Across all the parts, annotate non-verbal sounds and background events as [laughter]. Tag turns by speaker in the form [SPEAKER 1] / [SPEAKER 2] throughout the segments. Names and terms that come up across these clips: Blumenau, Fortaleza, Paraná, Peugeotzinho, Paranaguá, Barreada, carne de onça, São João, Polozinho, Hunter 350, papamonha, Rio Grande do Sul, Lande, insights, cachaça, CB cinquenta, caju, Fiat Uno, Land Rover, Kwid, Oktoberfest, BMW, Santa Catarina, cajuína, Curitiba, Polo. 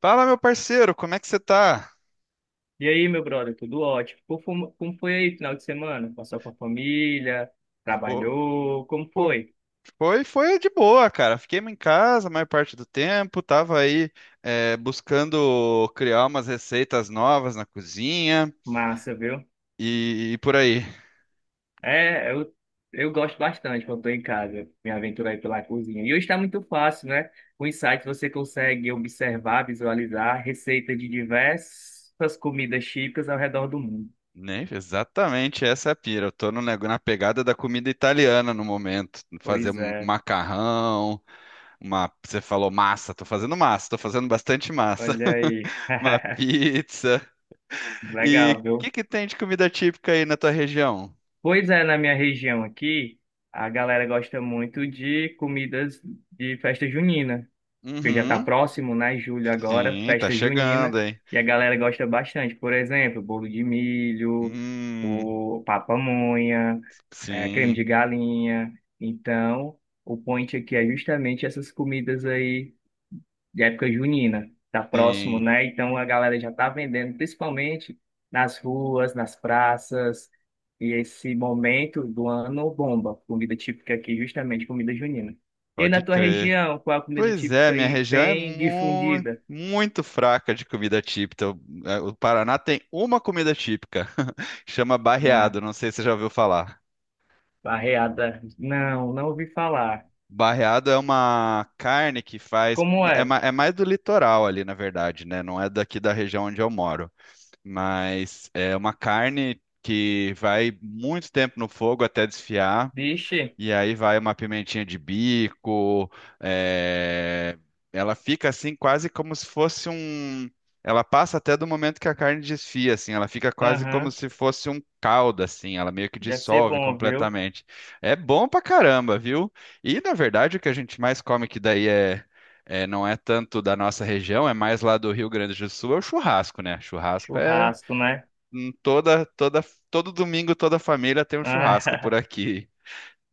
[SPEAKER 1] Fala, meu parceiro, como é que você tá?
[SPEAKER 2] E aí, meu brother, tudo ótimo? Como foi aí final de semana? Passou com a família?
[SPEAKER 1] Pô,
[SPEAKER 2] Trabalhou? Como
[SPEAKER 1] pô,
[SPEAKER 2] foi?
[SPEAKER 1] foi de boa, cara. Fiquei em casa a maior parte do tempo, tava aí buscando criar umas receitas novas na cozinha
[SPEAKER 2] Massa, viu?
[SPEAKER 1] e por aí.
[SPEAKER 2] É, eu gosto bastante quando estou em casa, me aventurar aí pela cozinha. E hoje está muito fácil, né? Com o insights você consegue observar, visualizar receitas de diversas comidas típicas ao redor do mundo.
[SPEAKER 1] Nem exatamente essa é a pira. Eu tô no, nego- na pegada da comida italiana no momento. Fazer
[SPEAKER 2] Pois
[SPEAKER 1] um
[SPEAKER 2] é,
[SPEAKER 1] macarrão, você falou massa, tô fazendo bastante massa.
[SPEAKER 2] olha aí.
[SPEAKER 1] [laughs] Uma
[SPEAKER 2] [laughs]
[SPEAKER 1] pizza. E
[SPEAKER 2] Legal,
[SPEAKER 1] o
[SPEAKER 2] viu?
[SPEAKER 1] que que tem de comida típica aí na tua região?
[SPEAKER 2] Pois é, na minha região aqui, a galera gosta muito de comidas de festa junina, porque já está
[SPEAKER 1] Uhum.
[SPEAKER 2] próximo, né? Julho agora,
[SPEAKER 1] Sim, tá
[SPEAKER 2] festa junina,
[SPEAKER 1] chegando, hein?
[SPEAKER 2] e a galera gosta bastante. Por exemplo, bolo de milho,
[SPEAKER 1] Hum,
[SPEAKER 2] o papamonha, creme
[SPEAKER 1] sim,
[SPEAKER 2] de galinha. Então, o point aqui é justamente essas comidas aí de época junina, tá próximo,
[SPEAKER 1] sim,
[SPEAKER 2] né? Então a galera já tá vendendo, principalmente nas ruas, nas praças, e esse momento do ano bomba, comida típica aqui, justamente comida junina. E aí na
[SPEAKER 1] pode
[SPEAKER 2] tua
[SPEAKER 1] crer.
[SPEAKER 2] região, qual é a comida
[SPEAKER 1] Pois é,
[SPEAKER 2] típica
[SPEAKER 1] minha
[SPEAKER 2] aí
[SPEAKER 1] região é
[SPEAKER 2] bem
[SPEAKER 1] muito,
[SPEAKER 2] difundida
[SPEAKER 1] muito fraca de comida típica. O Paraná tem uma comida típica, [laughs] chama
[SPEAKER 2] na
[SPEAKER 1] barreado, não sei se você já ouviu falar.
[SPEAKER 2] Barreada? Não, não ouvi falar.
[SPEAKER 1] Barreado é uma carne que faz.
[SPEAKER 2] Como
[SPEAKER 1] É,
[SPEAKER 2] é?
[SPEAKER 1] é mais do litoral ali, na verdade, né? Não é daqui da região onde eu moro. Mas é uma carne que vai muito tempo no fogo até desfiar.
[SPEAKER 2] Vixe,
[SPEAKER 1] E aí vai uma pimentinha de bico. é, Ela fica assim, quase como se fosse um. Ela passa até do momento que a carne desfia, assim. Ela fica quase como
[SPEAKER 2] aham,
[SPEAKER 1] se fosse um caldo, assim. Ela meio que
[SPEAKER 2] deve ser
[SPEAKER 1] dissolve
[SPEAKER 2] bom, viu?
[SPEAKER 1] completamente. É bom pra caramba, viu? E na verdade o que a gente mais come que daí é. Não é tanto da nossa região, é mais lá do Rio Grande do Sul, é o churrasco, né? Churrasco é
[SPEAKER 2] Churrasco, né?
[SPEAKER 1] hum, toda, toda, todo domingo, toda família tem um churrasco por
[SPEAKER 2] Ah,
[SPEAKER 1] aqui.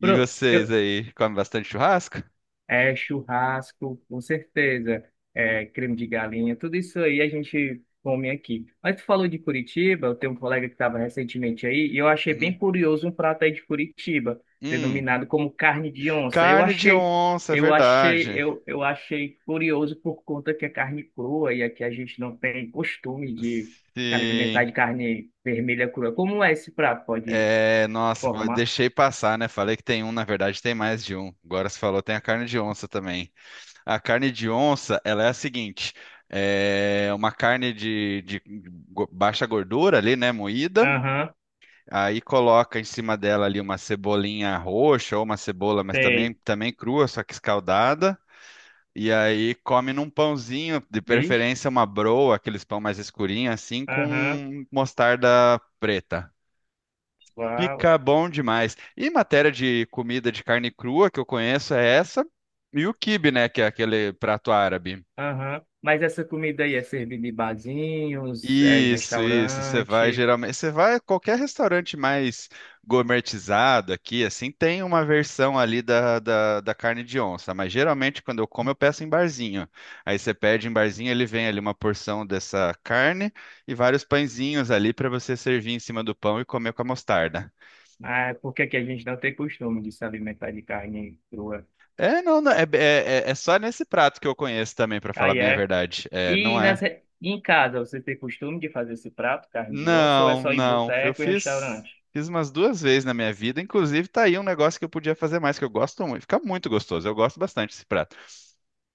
[SPEAKER 2] [laughs] pro-
[SPEAKER 1] vocês
[SPEAKER 2] eu-
[SPEAKER 1] aí, comem bastante churrasco?
[SPEAKER 2] É, churrasco, com certeza. É, creme de galinha, tudo isso aí a gente come aqui. Mas tu falou de Curitiba, eu tenho um colega que estava recentemente aí, e eu achei bem
[SPEAKER 1] Uhum.
[SPEAKER 2] curioso um prato aí de Curitiba,
[SPEAKER 1] Hum,
[SPEAKER 2] denominado como carne de onça. Eu
[SPEAKER 1] carne de
[SPEAKER 2] achei,
[SPEAKER 1] onça, é
[SPEAKER 2] eu achei,
[SPEAKER 1] verdade.
[SPEAKER 2] eu, eu achei curioso por conta que é carne crua, e aqui a gente não tem costume de se alimentar
[SPEAKER 1] Sim.
[SPEAKER 2] de carne vermelha crua. Como é esse prato? Pode
[SPEAKER 1] É, nossa, pô,
[SPEAKER 2] formar?
[SPEAKER 1] deixei passar, né? Falei que tem um, na verdade tem mais de um. Agora você falou, tem a carne de onça também. A carne de onça, ela é a seguinte: é uma carne de baixa gordura ali, né? Moída.
[SPEAKER 2] Aham,
[SPEAKER 1] Aí coloca em cima dela ali uma cebolinha roxa ou uma cebola, mas
[SPEAKER 2] tem.
[SPEAKER 1] também crua, só que escaldada. E aí come num pãozinho, de
[SPEAKER 2] Vixe,
[SPEAKER 1] preferência uma broa, aqueles pão mais escurinho assim, com
[SPEAKER 2] aham,
[SPEAKER 1] mostarda preta.
[SPEAKER 2] uau.
[SPEAKER 1] Fica bom demais. E matéria de comida de carne crua que eu conheço é essa, e o quibe, né, que é aquele prato árabe.
[SPEAKER 2] Aham. Mas essa comida aí é servida em barzinhos, é em
[SPEAKER 1] Isso, isso. Você vai
[SPEAKER 2] restaurante.
[SPEAKER 1] geralmente, você vai a qualquer restaurante mais gourmetizado aqui, assim, tem uma versão ali da carne de onça, mas geralmente quando eu como eu peço em barzinho. Aí você pede em barzinho, ele vem ali uma porção dessa carne e vários pãezinhos ali para você servir em cima do pão e comer com a mostarda.
[SPEAKER 2] Ah, por que que a gente não tem costume de se alimentar de carne crua?
[SPEAKER 1] É, não, não, é, é, é é só nesse prato que eu conheço também, para falar
[SPEAKER 2] Aí
[SPEAKER 1] bem a
[SPEAKER 2] é.
[SPEAKER 1] verdade.
[SPEAKER 2] E nas
[SPEAKER 1] É.
[SPEAKER 2] re- e em casa, você tem costume de fazer esse prato, carne de osso, ou é
[SPEAKER 1] Não,
[SPEAKER 2] só em
[SPEAKER 1] não.
[SPEAKER 2] boteco e restaurante?
[SPEAKER 1] Fiz umas duas vezes na minha vida. Inclusive, tá aí um negócio que eu podia fazer mais, que eu gosto muito. Fica muito gostoso. Eu gosto bastante desse prato.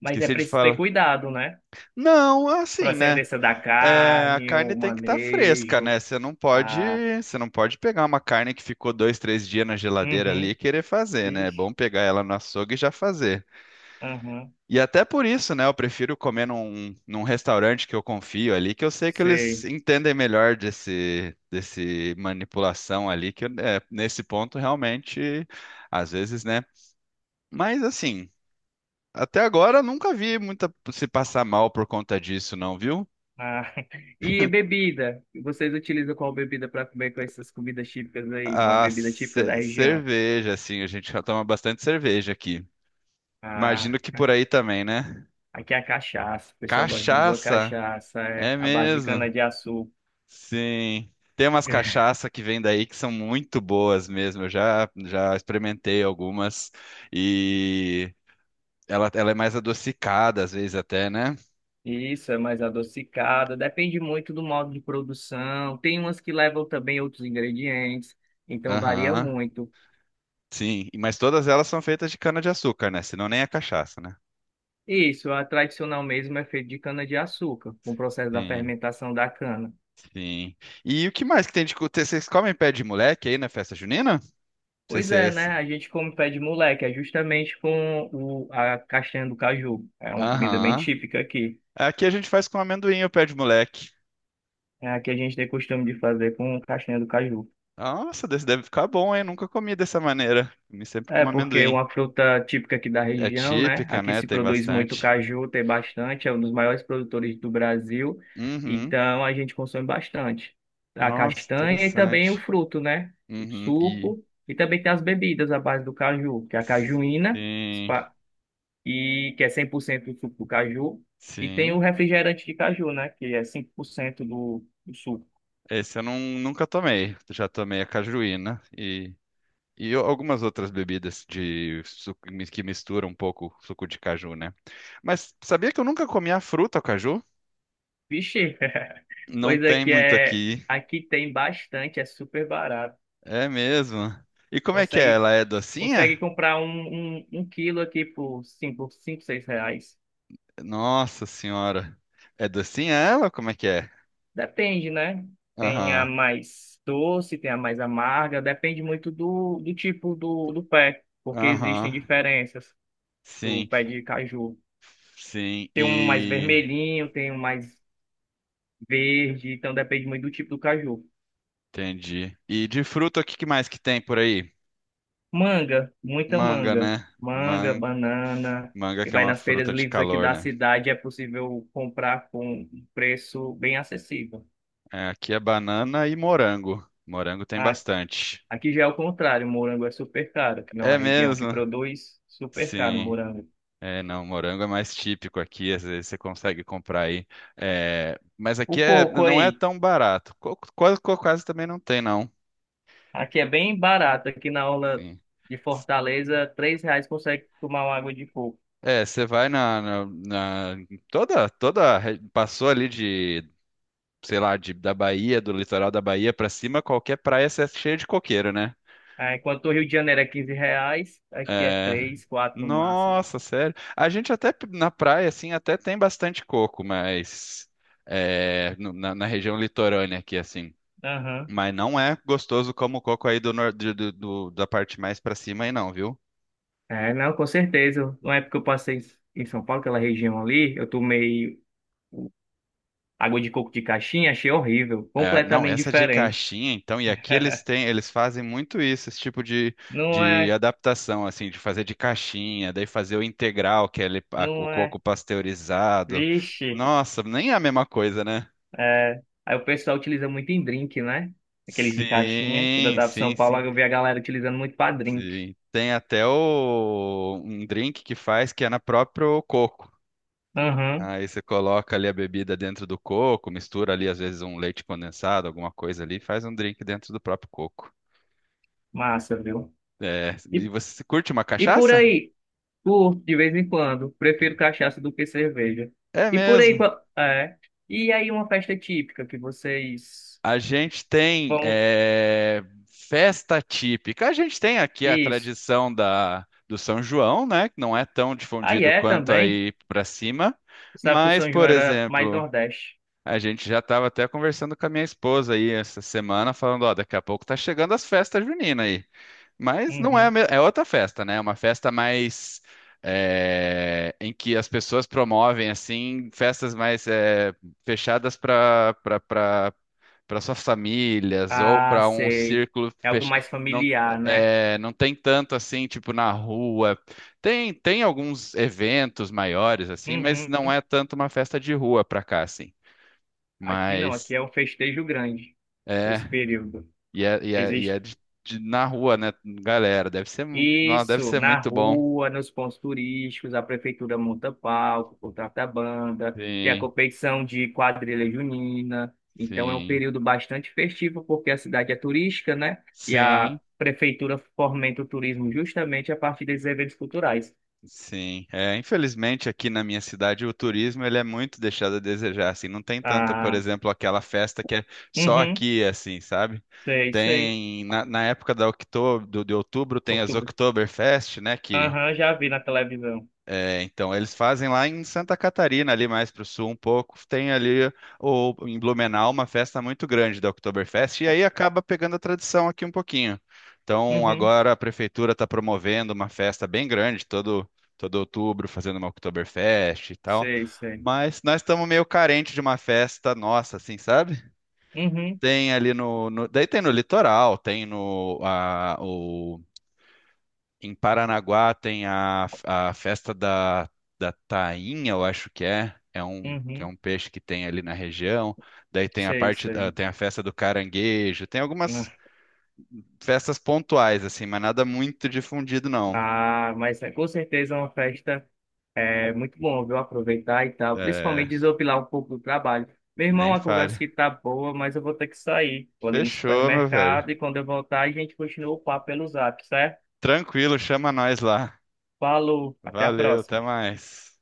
[SPEAKER 2] Mas é
[SPEAKER 1] Esqueci de
[SPEAKER 2] preciso ter
[SPEAKER 1] falar.
[SPEAKER 2] cuidado, né?
[SPEAKER 1] Não, assim, né?
[SPEAKER 2] Procedência da
[SPEAKER 1] É, a
[SPEAKER 2] carne,
[SPEAKER 1] carne
[SPEAKER 2] o
[SPEAKER 1] tem que estar fresca,
[SPEAKER 2] manejo.
[SPEAKER 1] né?
[SPEAKER 2] Ah,
[SPEAKER 1] Você não pode pegar uma carne que ficou dois, três dias na geladeira ali e
[SPEAKER 2] uhum.
[SPEAKER 1] querer fazer, né? É
[SPEAKER 2] Vixe.
[SPEAKER 1] bom pegar ela no açougue e já fazer.
[SPEAKER 2] Aham.
[SPEAKER 1] E até por isso, né? Eu prefiro comer num restaurante que eu confio ali, que eu sei que eles
[SPEAKER 2] Sei.
[SPEAKER 1] entendem melhor desse manipulação ali, que é, nesse ponto realmente, às vezes, né? Mas assim, até agora eu nunca vi muita se passar mal por conta disso, não, viu?
[SPEAKER 2] Ah, [laughs] e bebida? Vocês utilizam qual bebida para comer com essas comidas típicas aí? Uma
[SPEAKER 1] A
[SPEAKER 2] bebida típica da
[SPEAKER 1] ce-
[SPEAKER 2] região.
[SPEAKER 1] cerveja, assim, a gente já toma bastante cerveja aqui.
[SPEAKER 2] Ah,
[SPEAKER 1] Imagino que por aí também, né?
[SPEAKER 2] aqui é a cachaça. O pessoal gosta muito da
[SPEAKER 1] Cachaça,
[SPEAKER 2] cachaça, é
[SPEAKER 1] é
[SPEAKER 2] a base de
[SPEAKER 1] mesmo.
[SPEAKER 2] cana-de-açúcar.
[SPEAKER 1] Sim. Tem umas
[SPEAKER 2] [laughs]
[SPEAKER 1] cachaça que vem daí que são muito boas mesmo. Já experimentei algumas e ela é mais adocicada às vezes até, né?
[SPEAKER 2] Isso, é mais adocicada. Depende muito do modo de produção. Tem umas que levam também outros ingredientes, então varia
[SPEAKER 1] Aham.
[SPEAKER 2] muito.
[SPEAKER 1] Sim, mas todas elas são feitas de cana-de-açúcar, né? Senão nem é cachaça, né?
[SPEAKER 2] Isso, a tradicional mesmo é feita de cana-de-açúcar, com o processo da
[SPEAKER 1] Sim,
[SPEAKER 2] fermentação da cana.
[SPEAKER 1] sim. E o que mais que tem de... Vocês comem pé de moleque aí na festa junina? Não sei
[SPEAKER 2] Pois
[SPEAKER 1] se é
[SPEAKER 2] é, né?
[SPEAKER 1] esse.
[SPEAKER 2] A gente come pé de moleque, é justamente a castanha do caju. É uma comida bem
[SPEAKER 1] Aham.
[SPEAKER 2] típica aqui.
[SPEAKER 1] Aqui a gente faz com amendoim o pé de moleque.
[SPEAKER 2] É, aqui a gente tem costume de fazer com castanha do caju.
[SPEAKER 1] Nossa, desse deve ficar bom, hein? Nunca comi dessa maneira. Comi sempre
[SPEAKER 2] É
[SPEAKER 1] com
[SPEAKER 2] porque é
[SPEAKER 1] amendoim.
[SPEAKER 2] uma fruta típica aqui da
[SPEAKER 1] É
[SPEAKER 2] região, né?
[SPEAKER 1] típica,
[SPEAKER 2] Aqui
[SPEAKER 1] né?
[SPEAKER 2] se
[SPEAKER 1] Tem
[SPEAKER 2] produz muito
[SPEAKER 1] bastante.
[SPEAKER 2] caju, tem bastante, é um dos maiores produtores do Brasil,
[SPEAKER 1] Uhum.
[SPEAKER 2] então a gente consome bastante. A
[SPEAKER 1] Nossa,
[SPEAKER 2] castanha e também o
[SPEAKER 1] interessante.
[SPEAKER 2] fruto, né? O
[SPEAKER 1] Uhum. E
[SPEAKER 2] suco, e também tem as bebidas à base do caju, que é a cajuína.
[SPEAKER 1] sim,
[SPEAKER 2] E que é 100% do suco do caju, e tem
[SPEAKER 1] sim.
[SPEAKER 2] o refrigerante de caju, né, que é 5% do suco.
[SPEAKER 1] Esse eu não, nunca tomei. Já tomei a cajuína e algumas outras bebidas de suco que misturam um pouco suco de caju, né? Mas sabia que eu nunca comi a fruta, o caju?
[SPEAKER 2] Vixe, [laughs]
[SPEAKER 1] Não
[SPEAKER 2] coisa
[SPEAKER 1] tem
[SPEAKER 2] que
[SPEAKER 1] muito
[SPEAKER 2] é
[SPEAKER 1] aqui.
[SPEAKER 2] aqui tem bastante, é super barato.
[SPEAKER 1] É mesmo. E como é que é?
[SPEAKER 2] Consegue
[SPEAKER 1] Ela é
[SPEAKER 2] consegue
[SPEAKER 1] docinha?
[SPEAKER 2] comprar um quilo aqui por 5, 5, 6 reais.
[SPEAKER 1] Nossa senhora. É docinha ela? Como é que é?
[SPEAKER 2] Depende, né? Tem a
[SPEAKER 1] Aham.
[SPEAKER 2] mais doce, tem a mais amarga, depende muito do tipo do pé, porque existem
[SPEAKER 1] Aham.
[SPEAKER 2] diferenças do
[SPEAKER 1] Sim,
[SPEAKER 2] pé de caju.
[SPEAKER 1] sim,
[SPEAKER 2] Tem um mais
[SPEAKER 1] e
[SPEAKER 2] vermelhinho, tem um mais verde, então depende muito do tipo do caju.
[SPEAKER 1] entendi. E de fruta, o que que mais que tem por aí?
[SPEAKER 2] Manga, muita
[SPEAKER 1] Manga,
[SPEAKER 2] manga.
[SPEAKER 1] né?
[SPEAKER 2] Manga,
[SPEAKER 1] Man...
[SPEAKER 2] banana.
[SPEAKER 1] Manga
[SPEAKER 2] E
[SPEAKER 1] que é
[SPEAKER 2] vai
[SPEAKER 1] uma
[SPEAKER 2] nas feiras
[SPEAKER 1] fruta de
[SPEAKER 2] livres aqui
[SPEAKER 1] calor,
[SPEAKER 2] da
[SPEAKER 1] né?
[SPEAKER 2] cidade, é possível comprar com um preço bem acessível.
[SPEAKER 1] É, aqui é banana e morango. Morango tem
[SPEAKER 2] A-
[SPEAKER 1] bastante.
[SPEAKER 2] Aqui já é o contrário, o morango é super caro, que não
[SPEAKER 1] É
[SPEAKER 2] é a região que
[SPEAKER 1] mesmo?
[SPEAKER 2] produz, super caro o
[SPEAKER 1] Sim.
[SPEAKER 2] morango.
[SPEAKER 1] É, não, morango é mais típico aqui, às vezes você consegue comprar aí. É, mas
[SPEAKER 2] O
[SPEAKER 1] aqui é,
[SPEAKER 2] coco
[SPEAKER 1] não
[SPEAKER 2] aí,
[SPEAKER 1] é tão barato. Quase, quase também não tem, não.
[SPEAKER 2] aqui é bem barato, aqui na aula
[SPEAKER 1] Sim.
[SPEAKER 2] de Fortaleza, R$ 3 consegue tomar uma água de coco.
[SPEAKER 1] É, você vai em toda passou ali de, sei lá, de, da Bahia, do litoral da Bahia pra cima, qualquer praia cê é cheia de coqueiro, né?
[SPEAKER 2] Ah, enquanto o Rio de Janeiro é R$ 15, aqui é
[SPEAKER 1] É,
[SPEAKER 2] 3 4 no máximo.
[SPEAKER 1] nossa, sério. A gente até na praia assim até tem bastante coco, mas é, na região litorânea aqui assim,
[SPEAKER 2] Aham.
[SPEAKER 1] mas não é gostoso como o coco aí do, nor- do, do- do- da parte mais pra cima aí não, viu?
[SPEAKER 2] É, não, com certeza. Na época que eu passei em São Paulo, aquela região ali, eu tomei água de coco de caixinha, achei horrível,
[SPEAKER 1] É, não,
[SPEAKER 2] completamente
[SPEAKER 1] essa de
[SPEAKER 2] diferente.
[SPEAKER 1] caixinha, então, e aqui eles têm,
[SPEAKER 2] [laughs]
[SPEAKER 1] eles fazem muito isso, esse tipo
[SPEAKER 2] Não
[SPEAKER 1] de
[SPEAKER 2] é,
[SPEAKER 1] adaptação, assim, de fazer de caixinha, daí fazer o integral, que é o
[SPEAKER 2] não
[SPEAKER 1] coco
[SPEAKER 2] é.
[SPEAKER 1] pasteurizado.
[SPEAKER 2] Vixe,
[SPEAKER 1] Nossa, nem é a mesma coisa, né?
[SPEAKER 2] é. Aí o pessoal utiliza muito em drink, né? Aqueles de caixinha. Quando eu
[SPEAKER 1] Sim,
[SPEAKER 2] tava em
[SPEAKER 1] sim,
[SPEAKER 2] São Paulo,
[SPEAKER 1] sim,
[SPEAKER 2] eu vi a galera utilizando muito pra drink.
[SPEAKER 1] sim. Tem até um drink que faz que é na próprio coco.
[SPEAKER 2] Aham,
[SPEAKER 1] Aí você coloca ali a bebida dentro do coco, mistura ali às vezes um leite condensado, alguma coisa ali, e faz um drink dentro do próprio coco.
[SPEAKER 2] massa, viu?
[SPEAKER 1] É,
[SPEAKER 2] E,
[SPEAKER 1] e você curte uma
[SPEAKER 2] e por
[SPEAKER 1] cachaça?
[SPEAKER 2] aí, curto de vez em quando. Prefiro cachaça do que cerveja.
[SPEAKER 1] É
[SPEAKER 2] E por aí,
[SPEAKER 1] mesmo.
[SPEAKER 2] é. E aí uma festa típica que vocês
[SPEAKER 1] A gente tem
[SPEAKER 2] vão.
[SPEAKER 1] é, festa típica. A gente tem aqui a
[SPEAKER 2] Isso.
[SPEAKER 1] tradição do São João, né? Que não é tão
[SPEAKER 2] Aí
[SPEAKER 1] difundido
[SPEAKER 2] é
[SPEAKER 1] quanto
[SPEAKER 2] também.
[SPEAKER 1] aí para cima.
[SPEAKER 2] Sabe que o
[SPEAKER 1] Mas,
[SPEAKER 2] São João
[SPEAKER 1] por
[SPEAKER 2] era mais
[SPEAKER 1] exemplo,
[SPEAKER 2] Nordeste.
[SPEAKER 1] a gente já estava até conversando com a minha esposa aí essa semana, falando, ó, daqui a pouco tá chegando as festas juninas aí. Mas não é,
[SPEAKER 2] Uhum.
[SPEAKER 1] é outra festa, né? É uma festa mais é, em que as pessoas promovem assim festas mais é, fechadas para suas famílias ou
[SPEAKER 2] Ah,
[SPEAKER 1] para um
[SPEAKER 2] sei.
[SPEAKER 1] círculo
[SPEAKER 2] É algo
[SPEAKER 1] fechado.
[SPEAKER 2] mais
[SPEAKER 1] Não,
[SPEAKER 2] familiar, né?
[SPEAKER 1] é, não tem tanto assim, tipo na rua. Tem alguns eventos maiores assim, mas
[SPEAKER 2] Uhum.
[SPEAKER 1] não é tanto uma festa de rua para cá assim.
[SPEAKER 2] Aqui não,
[SPEAKER 1] Mas
[SPEAKER 2] aqui é um festejo grande,
[SPEAKER 1] é
[SPEAKER 2] esse período.
[SPEAKER 1] é de, na rua, né, galera? Deve ser, nossa, deve
[SPEAKER 2] Isso,
[SPEAKER 1] ser
[SPEAKER 2] na
[SPEAKER 1] muito bom.
[SPEAKER 2] rua, nos pontos turísticos, a prefeitura monta palco, contrata banda, tem a
[SPEAKER 1] Sim,
[SPEAKER 2] competição de quadrilha junina. Então é um
[SPEAKER 1] sim,
[SPEAKER 2] período bastante festivo, porque a cidade é turística, né? E
[SPEAKER 1] sim,
[SPEAKER 2] a prefeitura fomenta o turismo justamente a partir desses eventos culturais.
[SPEAKER 1] sim. É, infelizmente aqui na minha cidade o turismo ele é muito deixado a desejar, assim, não tem tanta, por
[SPEAKER 2] Ah,
[SPEAKER 1] exemplo, aquela festa que é só
[SPEAKER 2] uhum,
[SPEAKER 1] aqui, assim, sabe?
[SPEAKER 2] sei, sei.
[SPEAKER 1] Tem, na época de outubro tem as
[SPEAKER 2] Outubro.
[SPEAKER 1] Oktoberfest, né, que
[SPEAKER 2] Aham, já vi na televisão.
[SPEAKER 1] é, então, eles fazem lá em Santa Catarina, ali mais para o sul um pouco. Tem ali em Blumenau uma festa muito grande da Oktoberfest, e aí acaba pegando a tradição aqui um pouquinho. Então,
[SPEAKER 2] Uhum,
[SPEAKER 1] agora a prefeitura está promovendo uma festa bem grande, todo outubro, fazendo uma Oktoberfest e tal.
[SPEAKER 2] sei, sei.
[SPEAKER 1] Mas nós estamos meio carente de uma festa nossa, assim, sabe?
[SPEAKER 2] Uhum,
[SPEAKER 1] Tem ali daí tem no litoral, tem no, em Paranaguá tem a festa da tainha, eu acho que é. É um, que é
[SPEAKER 2] uhum,
[SPEAKER 1] um peixe que tem ali na região. Daí tem a
[SPEAKER 2] sei,
[SPEAKER 1] parte da,
[SPEAKER 2] sei.
[SPEAKER 1] tem a festa do caranguejo. Tem algumas festas pontuais, assim, mas nada muito difundido, não.
[SPEAKER 2] Ah, mas é com certeza é uma festa. É muito bom, viu? Aproveitar e tal.
[SPEAKER 1] É,
[SPEAKER 2] Principalmente desopilar um pouco do trabalho. Meu irmão,
[SPEAKER 1] nem
[SPEAKER 2] a conversa
[SPEAKER 1] fale.
[SPEAKER 2] que tá boa, mas eu vou ter que sair. Vou ali no
[SPEAKER 1] Fechou, meu velho.
[SPEAKER 2] supermercado e quando eu voltar, a gente continua o papo pelo zap, certo?
[SPEAKER 1] Tranquilo, chama nós lá.
[SPEAKER 2] Falou, até a
[SPEAKER 1] Valeu,
[SPEAKER 2] próxima.
[SPEAKER 1] até mais.